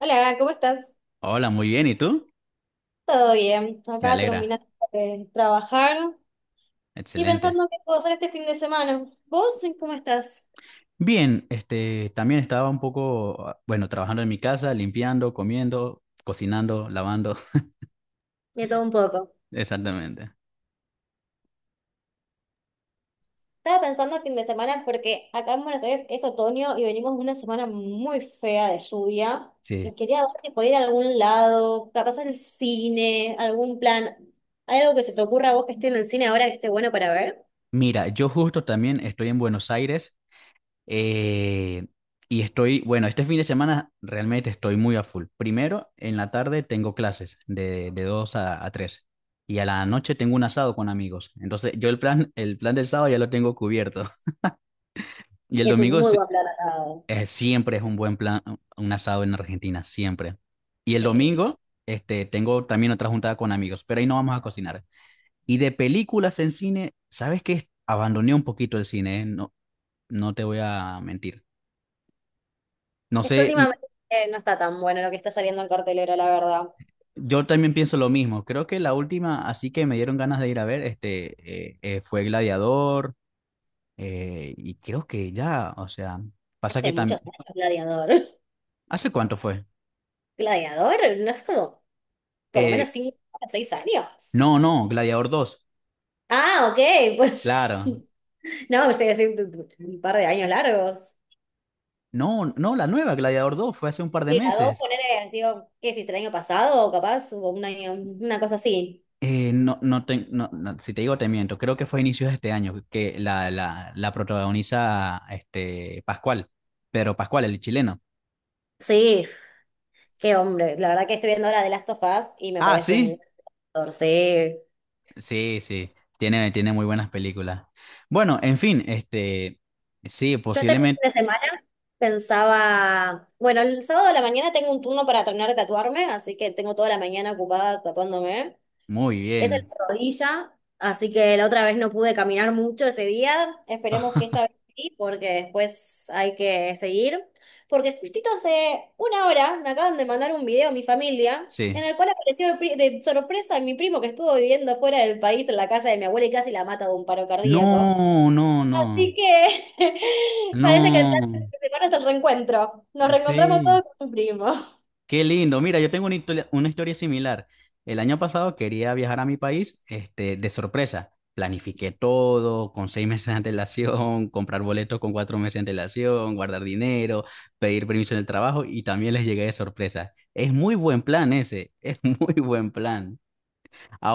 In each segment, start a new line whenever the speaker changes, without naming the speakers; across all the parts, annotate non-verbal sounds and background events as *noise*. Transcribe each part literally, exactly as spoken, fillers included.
Hola, ¿cómo estás?
Hola, muy bien. ¿Y tú?
¿Todo bien?
Me
Acá
alegra.
terminando de trabajar y
Excelente.
pensando qué puedo hacer este fin de semana. ¿Vos cómo estás?
Bien, este, también estaba un poco, ah, bueno, trabajando en mi casa, limpiando, comiendo, cocinando, lavando. *laughs*
De todo un poco.
Exactamente.
Estaba pensando el fin de semana porque acá en Buenos Aires es otoño y venimos de una semana muy fea de lluvia
Sí.
y quería ver si podía ir a algún lado, capaz al cine, algún plan. ¿Hay algo que se te ocurra a vos que esté en el cine ahora que esté bueno para ver?
Mira, yo justo también estoy en Buenos Aires, eh, y estoy, bueno, este fin de semana realmente estoy muy a full. Primero, en la tarde tengo clases de, de dos a, a tres y a la noche tengo un asado con amigos. Entonces, yo el plan, el plan del sábado ya lo tengo cubierto. *laughs* Y el
Es un
domingo
muy
sí—
buen plan asado.
Eh, siempre es un buen plan, uh, un asado en Argentina, siempre. Y el
Sí.
domingo, este, tengo también otra juntada con amigos, pero ahí no vamos a cocinar. Y de películas en cine, ¿sabes qué? Abandoné un poquito el cine, eh, no, no te voy a mentir. No
Es
sé,
que
n-
últimamente eh, no está tan bueno lo que está saliendo en cartelera, la verdad.
yo también pienso lo mismo. Creo que la última, así que me dieron ganas de ir a ver, este, eh, eh, fue Gladiador, eh, y creo que ya, o sea, pasa
Hace
que también...
muchos años, Gladiador.
¿Hace cuánto fue?
*laughs* Gladiador, no es como, por lo menos
Eh,
cinco o seis años.
no, no, Gladiador dos.
Ah, ok, pues.
Claro.
*laughs* No, me estoy diciendo un par de años largos.
No, no, la nueva Gladiador dos fue hace un par de
Sí, la dos,
meses.
poner, digo, ¿qué es el año pasado? O capaz, o un año, una cosa así.
Eh, no, no, te- no, no, si te digo te miento, creo que fue a inicios de este año que la, la, la protagoniza, este, Pascual, pero Pascual, el chileno.
Sí, qué hombre. La verdad que estoy viendo ahora The Last of Us y me
Ah,
parece un
sí,
Gladiador, sí.
sí, sí, tiene, tiene muy buenas películas. Bueno, en fin, este, sí,
Yo este fin
posiblemente,
de semana pensaba, bueno, el sábado de la mañana tengo un turno para terminar de tatuarme, así que tengo toda la mañana ocupada tatuándome.
muy
Es el
bien,
de rodilla, así que la otra vez no pude caminar mucho ese día. Esperemos que
*laughs*
esta vez sí, porque después hay que seguir. Porque justito hace una hora me acaban de mandar un video a mi familia en
sí.
el cual apareció de, pri- de sorpresa mi primo que estuvo viviendo fuera del país en la casa de mi abuela y casi la mata de un paro cardíaco.
No, no, no,
Así que *laughs* parece que el plan de
no,
esta semana es el reencuentro. Nos reencontramos
sí.
todos con mi primo.
Qué lindo. Mira, yo tengo una historia, una historia similar. El año pasado quería viajar a mi país, este, de sorpresa. Planifiqué todo con seis *laughs* meses de antelación, comprar boletos con cuatro meses de antelación, guardar dinero, pedir permiso en el trabajo y también les llegué de sorpresa. Es muy buen plan ese, es *laughs* muy buen plan.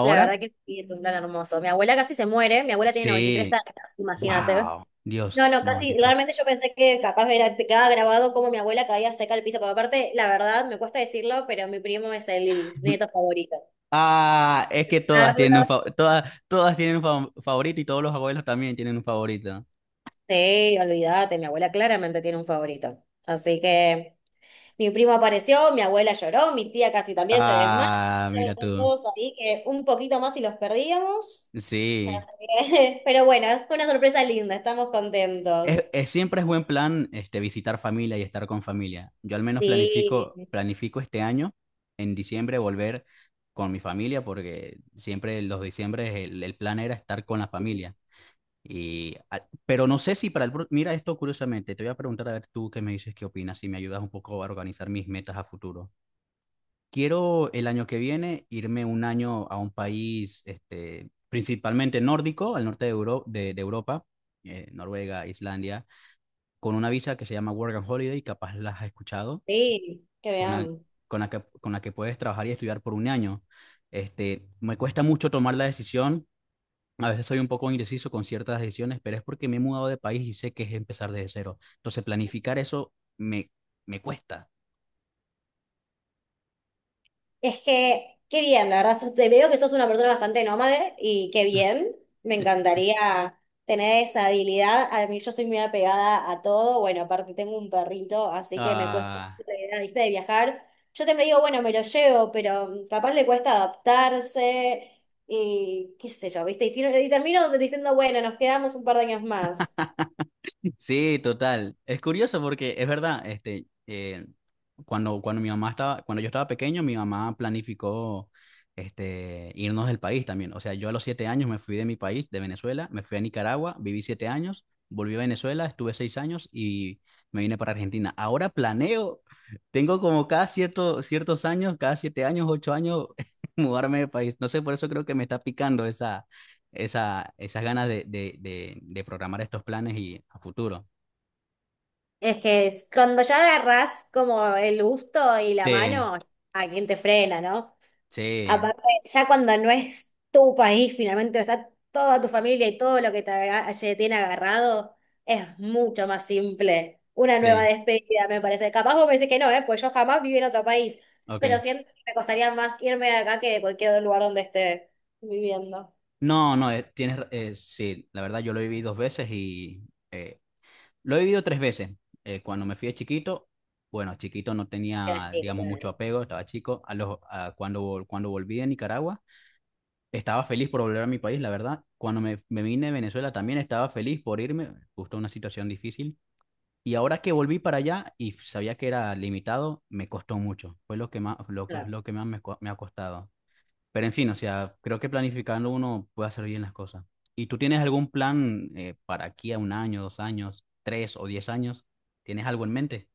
La verdad que sí, es un plan hermoso. Mi abuela casi se muere, mi abuela tiene noventa y tres
sí,
años, imagínate.
wow,
No,
Dios,
no,
noventa y
casi,
tres.
realmente yo pensé que capaz era, te quedaba grabado como mi abuela caía seca al piso, porque aparte, la verdad, me cuesta decirlo, pero mi primo es el
*laughs*
nieto favorito.
Ah, es que todas tienen un,
Carlos,
fa- todas, todas tienen un fa- favorito y todos los abuelos también tienen un favorito.
sí, olvídate, mi abuela claramente tiene un favorito. Así que mi primo apareció, mi abuela lloró, mi tía casi también se desmayó,
Ah, mira
estaban
tú.
todos ahí que un poquito más y los perdíamos.
Sí.
*laughs* Pero bueno, fue una sorpresa linda, estamos
Es,
contentos.
es- siempre es buen plan, este, visitar familia y estar con familia. Yo al menos
Sí,
planifico, planifico este año, en diciembre, volver con mi familia, porque siempre los diciembres el, el plan era estar con la familia. Y, a- pero no sé si para el... pro- mira esto curiosamente, te voy a preguntar a ver tú qué me dices, qué opinas, si me ayudas un poco a organizar mis metas a futuro. Quiero el año que viene irme un año a un país, este, principalmente nórdico, al norte de, Euro- de, de Europa, eh, Noruega, Islandia, con una visa que se llama Work and Holiday, capaz las has escuchado,
sí, que
con la,
vean.
con la que, con la que puedes trabajar y estudiar por un año. Este, me cuesta mucho tomar la decisión, a veces soy un poco indeciso con ciertas decisiones, pero es porque me he mudado de país y sé que es empezar desde cero. Entonces planificar eso me, me cuesta.
Es que, qué bien, la verdad, sos- te veo que sos una persona bastante nómade y qué bien, me
*laughs*
encantaría tener esa habilidad. A mí yo soy muy apegada a todo, bueno, aparte tengo un perrito, así que me cuesta
Ah,
la idea, ¿viste? De viajar. Yo siempre digo, bueno, me lo llevo, pero capaz le cuesta adaptarse y qué sé yo, ¿viste? Y, fino- y termino diciendo, bueno, nos quedamos un par de años más.
sí, total. Es curioso porque es verdad, este, eh, cuando, cuando mi mamá estaba, cuando yo estaba pequeño, mi mamá planificó, este, irnos del país también. O sea, yo a los siete años me fui de mi país, de Venezuela, me fui a Nicaragua, viví siete años, volví a Venezuela, estuve seis años y me vine para Argentina. Ahora planeo, tengo como cada cierto, ciertos años, cada siete años, ocho años, *laughs* mudarme de país. No sé, por eso creo que me está picando esa esa, esas ganas de, de, de, de programar estos planes y a futuro.
Es que es- cuando ya agarrás como el gusto y la
Sí,
mano, a quien te frena, ¿no?
sí,
Aparte, ya cuando no es tu país, finalmente está toda tu familia y todo lo que te aga- te tiene agarrado, es mucho más simple. Una nueva
sí,
despedida, me parece. Capaz vos me decís que no, ¿eh? Pues yo jamás viví en otro país, pero
ok.
siento que me costaría más irme de acá que de cualquier lugar donde esté viviendo.
No, no, eh, tienes, ra- eh, sí, la verdad yo lo viví dos veces y eh, lo he vivido tres veces. Eh, cuando me fui de chiquito, bueno, chiquito no
Pero
tenía,
sí,
digamos, mucho
claro.
apego, estaba chico. A los, a cuando, vol- Cuando volví de Nicaragua, estaba feliz por volver a mi país, la verdad. Cuando me, me vine de Venezuela también estaba feliz por irme, justo una situación difícil. Y ahora que volví para allá y sabía que era limitado, me costó mucho. Fue lo que más, lo, que-
Claro.
lo que más me co- me ha costado. Pero en fin, o sea, creo que planificando uno puede hacer bien las cosas. ¿Y tú tienes algún plan, eh, para aquí a un año, dos años, tres o diez años? ¿Tienes algo en mente?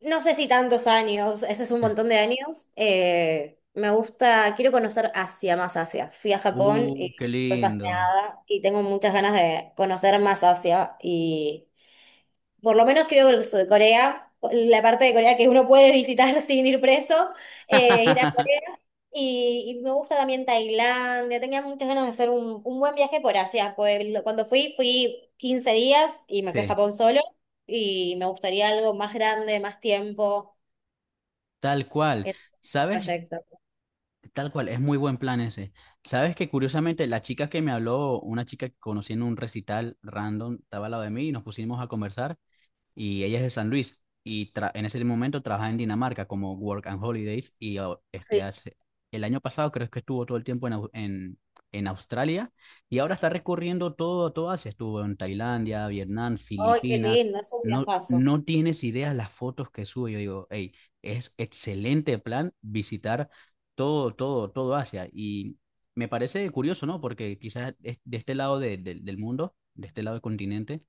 No sé si tantos años, ese es un montón de años. Eh, me gusta, quiero conocer Asia, más Asia. Fui a Japón
¡Uh,
y
qué
fue
lindo!
fascinada y tengo muchas ganas de conocer más Asia y por lo menos creo que el sur de Corea, la parte de Corea que uno puede visitar *laughs* sin ir preso, eh, ir a
*laughs*
Corea. Y, y me gusta también Tailandia, tenía muchas ganas de hacer un, un, buen viaje por Asia. Pues, lo- cuando fui, fui quince días y me fui a
Sí,
Japón solo y me gustaría algo más grande, más tiempo
tal cual.
el
¿Sabes?
proyecto.
Tal cual, es muy buen plan ese. ¿Sabes que curiosamente la chica que me habló, una chica que conocí en un recital random, estaba al lado de mí y nos pusimos a conversar? Y ella es de San Luis y tra- en ese momento trabaja en Dinamarca como Work and Holidays. Y oh, este
Sí.
hace el año pasado creo que estuvo todo el tiempo en, Au- en, en Australia y ahora está recorriendo todo, todo Asia, estuvo en Tailandia, Vietnam,
Ay, qué
Filipinas.
lindo, es un
No,
viajazo.
no tienes ideas las fotos que sube. Yo digo, hey, es excelente plan visitar todo, todo, todo Asia. Y me parece curioso, ¿no? Porque quizás es de este lado de- de- del mundo, de este lado del continente,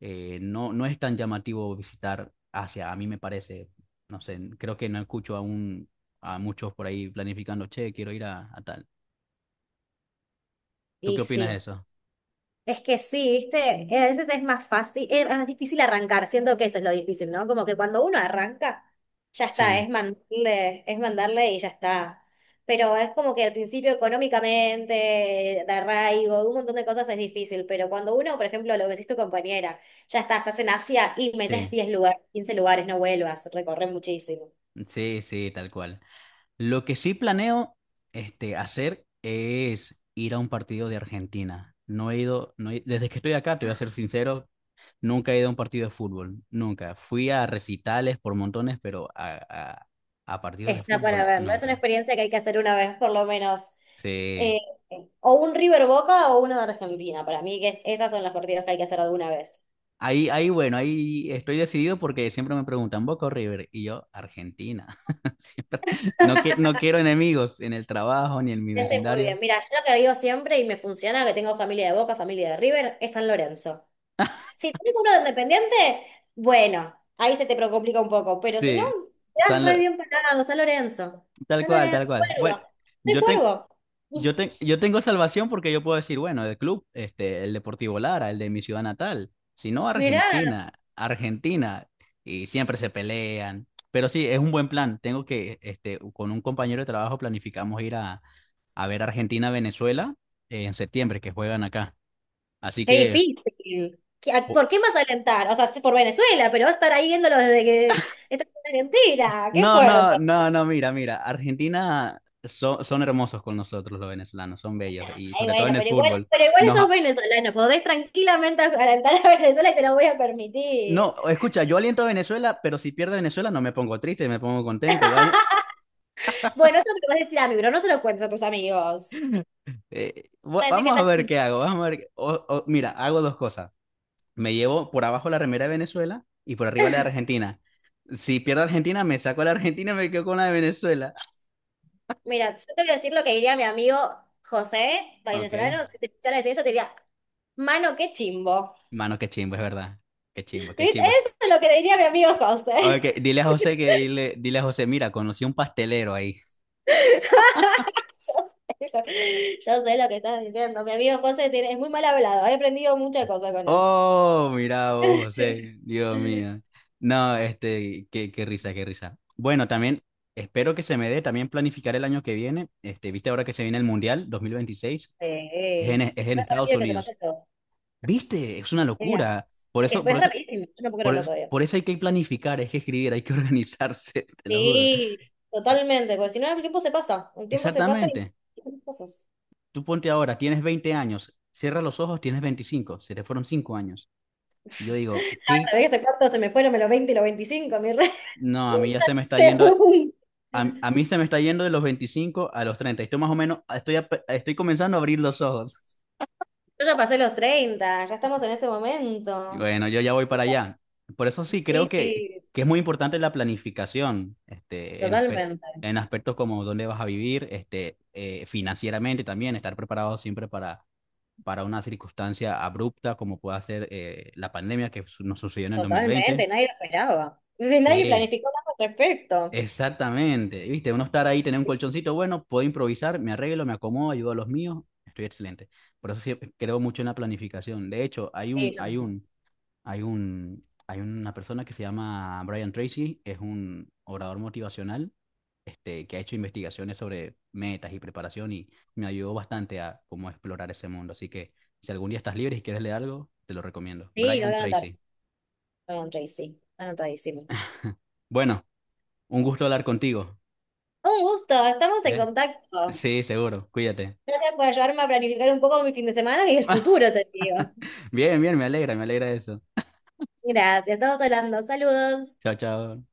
eh, no, no es tan llamativo visitar Asia, a mí me parece, no sé, creo que no escucho a un a muchos por ahí planificando, che, quiero ir a, a tal. ¿Tú qué
Y
opinas de
sí.
eso?
Es que sí, viste, Eh, a veces es más fácil, es más difícil arrancar, siento que eso es lo difícil, ¿no? Como que cuando uno arranca, ya está,
Sí,
es mandarle, es mandarle y ya está. Pero es como que al principio económicamente, de arraigo, un montón de cosas es difícil, pero cuando uno, por ejemplo, lo que decís tu compañera, ya está estás en Asia y metes
sí,
diez lugares, quince lugares, no vuelvas, recorres muchísimo.
sí, sí, tal cual. Lo que sí planeo, este, hacer es ir a un partido de Argentina. No he ido, no he- desde que estoy acá, te voy a ser sincero, nunca he ido a un partido de fútbol, nunca. Fui a recitales por montones, pero a, a, a partidos de
Está para
fútbol,
verlo. Es una
nunca.
experiencia que hay que hacer una vez, por lo menos. Eh,
Sí.
o un River Boca o uno de Argentina. Para mí, que es- esas son las partidas que hay que hacer alguna vez.
Ahí, ahí, bueno, ahí estoy decidido porque siempre me preguntan Boca o River y yo Argentina. *laughs* Siempre- No, que, no quiero enemigos en el trabajo ni en mi
Te sé muy
vecindario.
bien. Mira, yo lo que digo siempre y me funciona, que tengo familia de Boca, familia de River, es San Lorenzo. Si tenés uno de Independiente, bueno, ahí se te pro- complica un poco. Pero si no,
Sí.
te das
San
re
Lo-
bien parado, San Lorenzo.
Tal
San
cual,
Lorenzo,
tal cual. Bueno,
Cuervo. Soy
yo, ten-
Cuervo.
yo,
*laughs*
ten- yo tengo salvación porque yo puedo decir, bueno, el club, este, el Deportivo Lara, el de mi ciudad natal, si no
Mirá.
Argentina, Argentina, y siempre se pelean. Pero sí, es un buen plan. Tengo que, este, con un compañero de trabajo planificamos ir a a ver Argentina-Venezuela, eh, en septiembre, que juegan acá. Así
Qué
que,
difícil. ¿Qué- a-
po-
¿Por qué más alentar? O sea, sí, por Venezuela, pero va a estar ahí viéndolo desde que esta semana entera. Qué
no,
fuerte.
no, no, no, mira, mira, Argentina so- son hermosos con nosotros los venezolanos, son bellos,
Nah,
y
ay,
sobre todo
bueno,
en el
pero igual,
fútbol.
pero igual
Nos,
sos
a-
venezolano. Podés tranquilamente alentar a Venezuela y te lo voy a
no,
permitir.
escucha, yo aliento a Venezuela, pero si pierde Venezuela no me pongo triste, me pongo contento. Gane-
*laughs* Bueno, eso me lo vas a decir a mí, pero no se lo cuentes a tus amigos.
eh,
Van
va-
a decir que
vamos a
está
ver
chido.
qué hago, vamos a ver. Qué- o- o- mira, hago dos cosas. Me llevo por abajo la remera de Venezuela y por arriba la de Argentina. Si pierdo Argentina, me saco a la Argentina y me quedo con la de Venezuela. *laughs*
Mira, yo te voy a decir lo que diría mi amigo José,
Ok.
venezolano. Si te escuchara decir eso, te diría, mano, qué chimbo.
Mano, qué chimbo, es verdad. Qué
*laughs*
chimbo,
¿Viste?
qué chimbo.
Eso es lo que diría mi amigo José.
Ok, dile a
*laughs*
José que dile, dile a José, mira, conocí un pastelero ahí.
*laughs* Yo sé lo yo sé lo que estás diciendo. Mi amigo José tiene- es muy mal hablado. He aprendido muchas cosas con él.
Oh, mira vos, José, Dios mío. No, este, qué, qué risa, qué risa. Bueno, también espero que se me dé también planificar el año que viene. Este, viste ahora que se viene el Mundial dos mil veintiséis, es en,
Sí.
es en
Lo
Estados
rápido que se pasa
Unidos.
todo.
Viste, es una
Mira.
locura. Por
Es,
eso, por
es
eso,
rapidísimo. Yo no puedo
por
creerlo
eso,
todavía.
por eso hay que planificar, hay que escribir, hay que organizarse, *laughs* te lo juro.
Sí, totalmente. Porque si no, el tiempo se pasa. El tiempo se pasa y
Exactamente.
y cosas. *laughs*
Tú ponte ahora, tienes veinte años, cierra los ojos, tienes veinticinco, se te fueron cinco años.
Ah,
Y yo digo, ¿qué?
¿Sabés hace cuánto se me fueron los veinte, y los veinticinco, mi rey?
No, a mí ya se me
*laughs*
está yendo,
Según. Yo
a, a mí se me está yendo de los veinticinco a los treinta. Estoy más o menos, estoy, ap- estoy comenzando a abrir los ojos.
ya pasé los treinta. Ya estamos en ese
Y
momento.
bueno, yo ya voy para allá. Por eso sí, creo
Sí,
que,
sí,
que es muy importante la planificación, este, en aspe-
totalmente.
en aspectos como dónde vas a vivir, este, eh, financieramente también, estar preparado siempre para para una circunstancia abrupta como pueda ser, eh, la pandemia que nos sucedió en el dos mil veinte.
Totalmente, nadie lo esperaba. Entonces, nadie
Sí,
planificó nada al respecto.
exactamente. Viste, uno estar ahí, tener un colchoncito, bueno, puedo improvisar, me arreglo, me acomodo, ayudo a los míos, estoy excelente. Por eso sí, creo mucho en la planificación. De hecho, hay
Sí,
un,
yo
hay
mismo.
un, hay un, hay una persona que se llama Brian Tracy, es un orador motivacional, este, que ha hecho investigaciones sobre metas y preparación y me ayudó bastante a cómo explorar ese mundo. Así que si algún día estás libre y quieres leer algo, te lo recomiendo.
Sí, lo voy
Brian
a anotar.
Tracy.
Lo voy a sí. Anotadísimo.
*laughs* Bueno, un gusto hablar contigo,
Un gusto, estamos en
¿eh?
contacto.
Sí, seguro. Cuídate.
Gracias por ayudarme a planificar un poco mi fin de semana y el futuro, te digo.
*laughs* Bien, bien, me alegra, me alegra eso.
Gracias, estamos hablando. Saludos.
Chao, chao.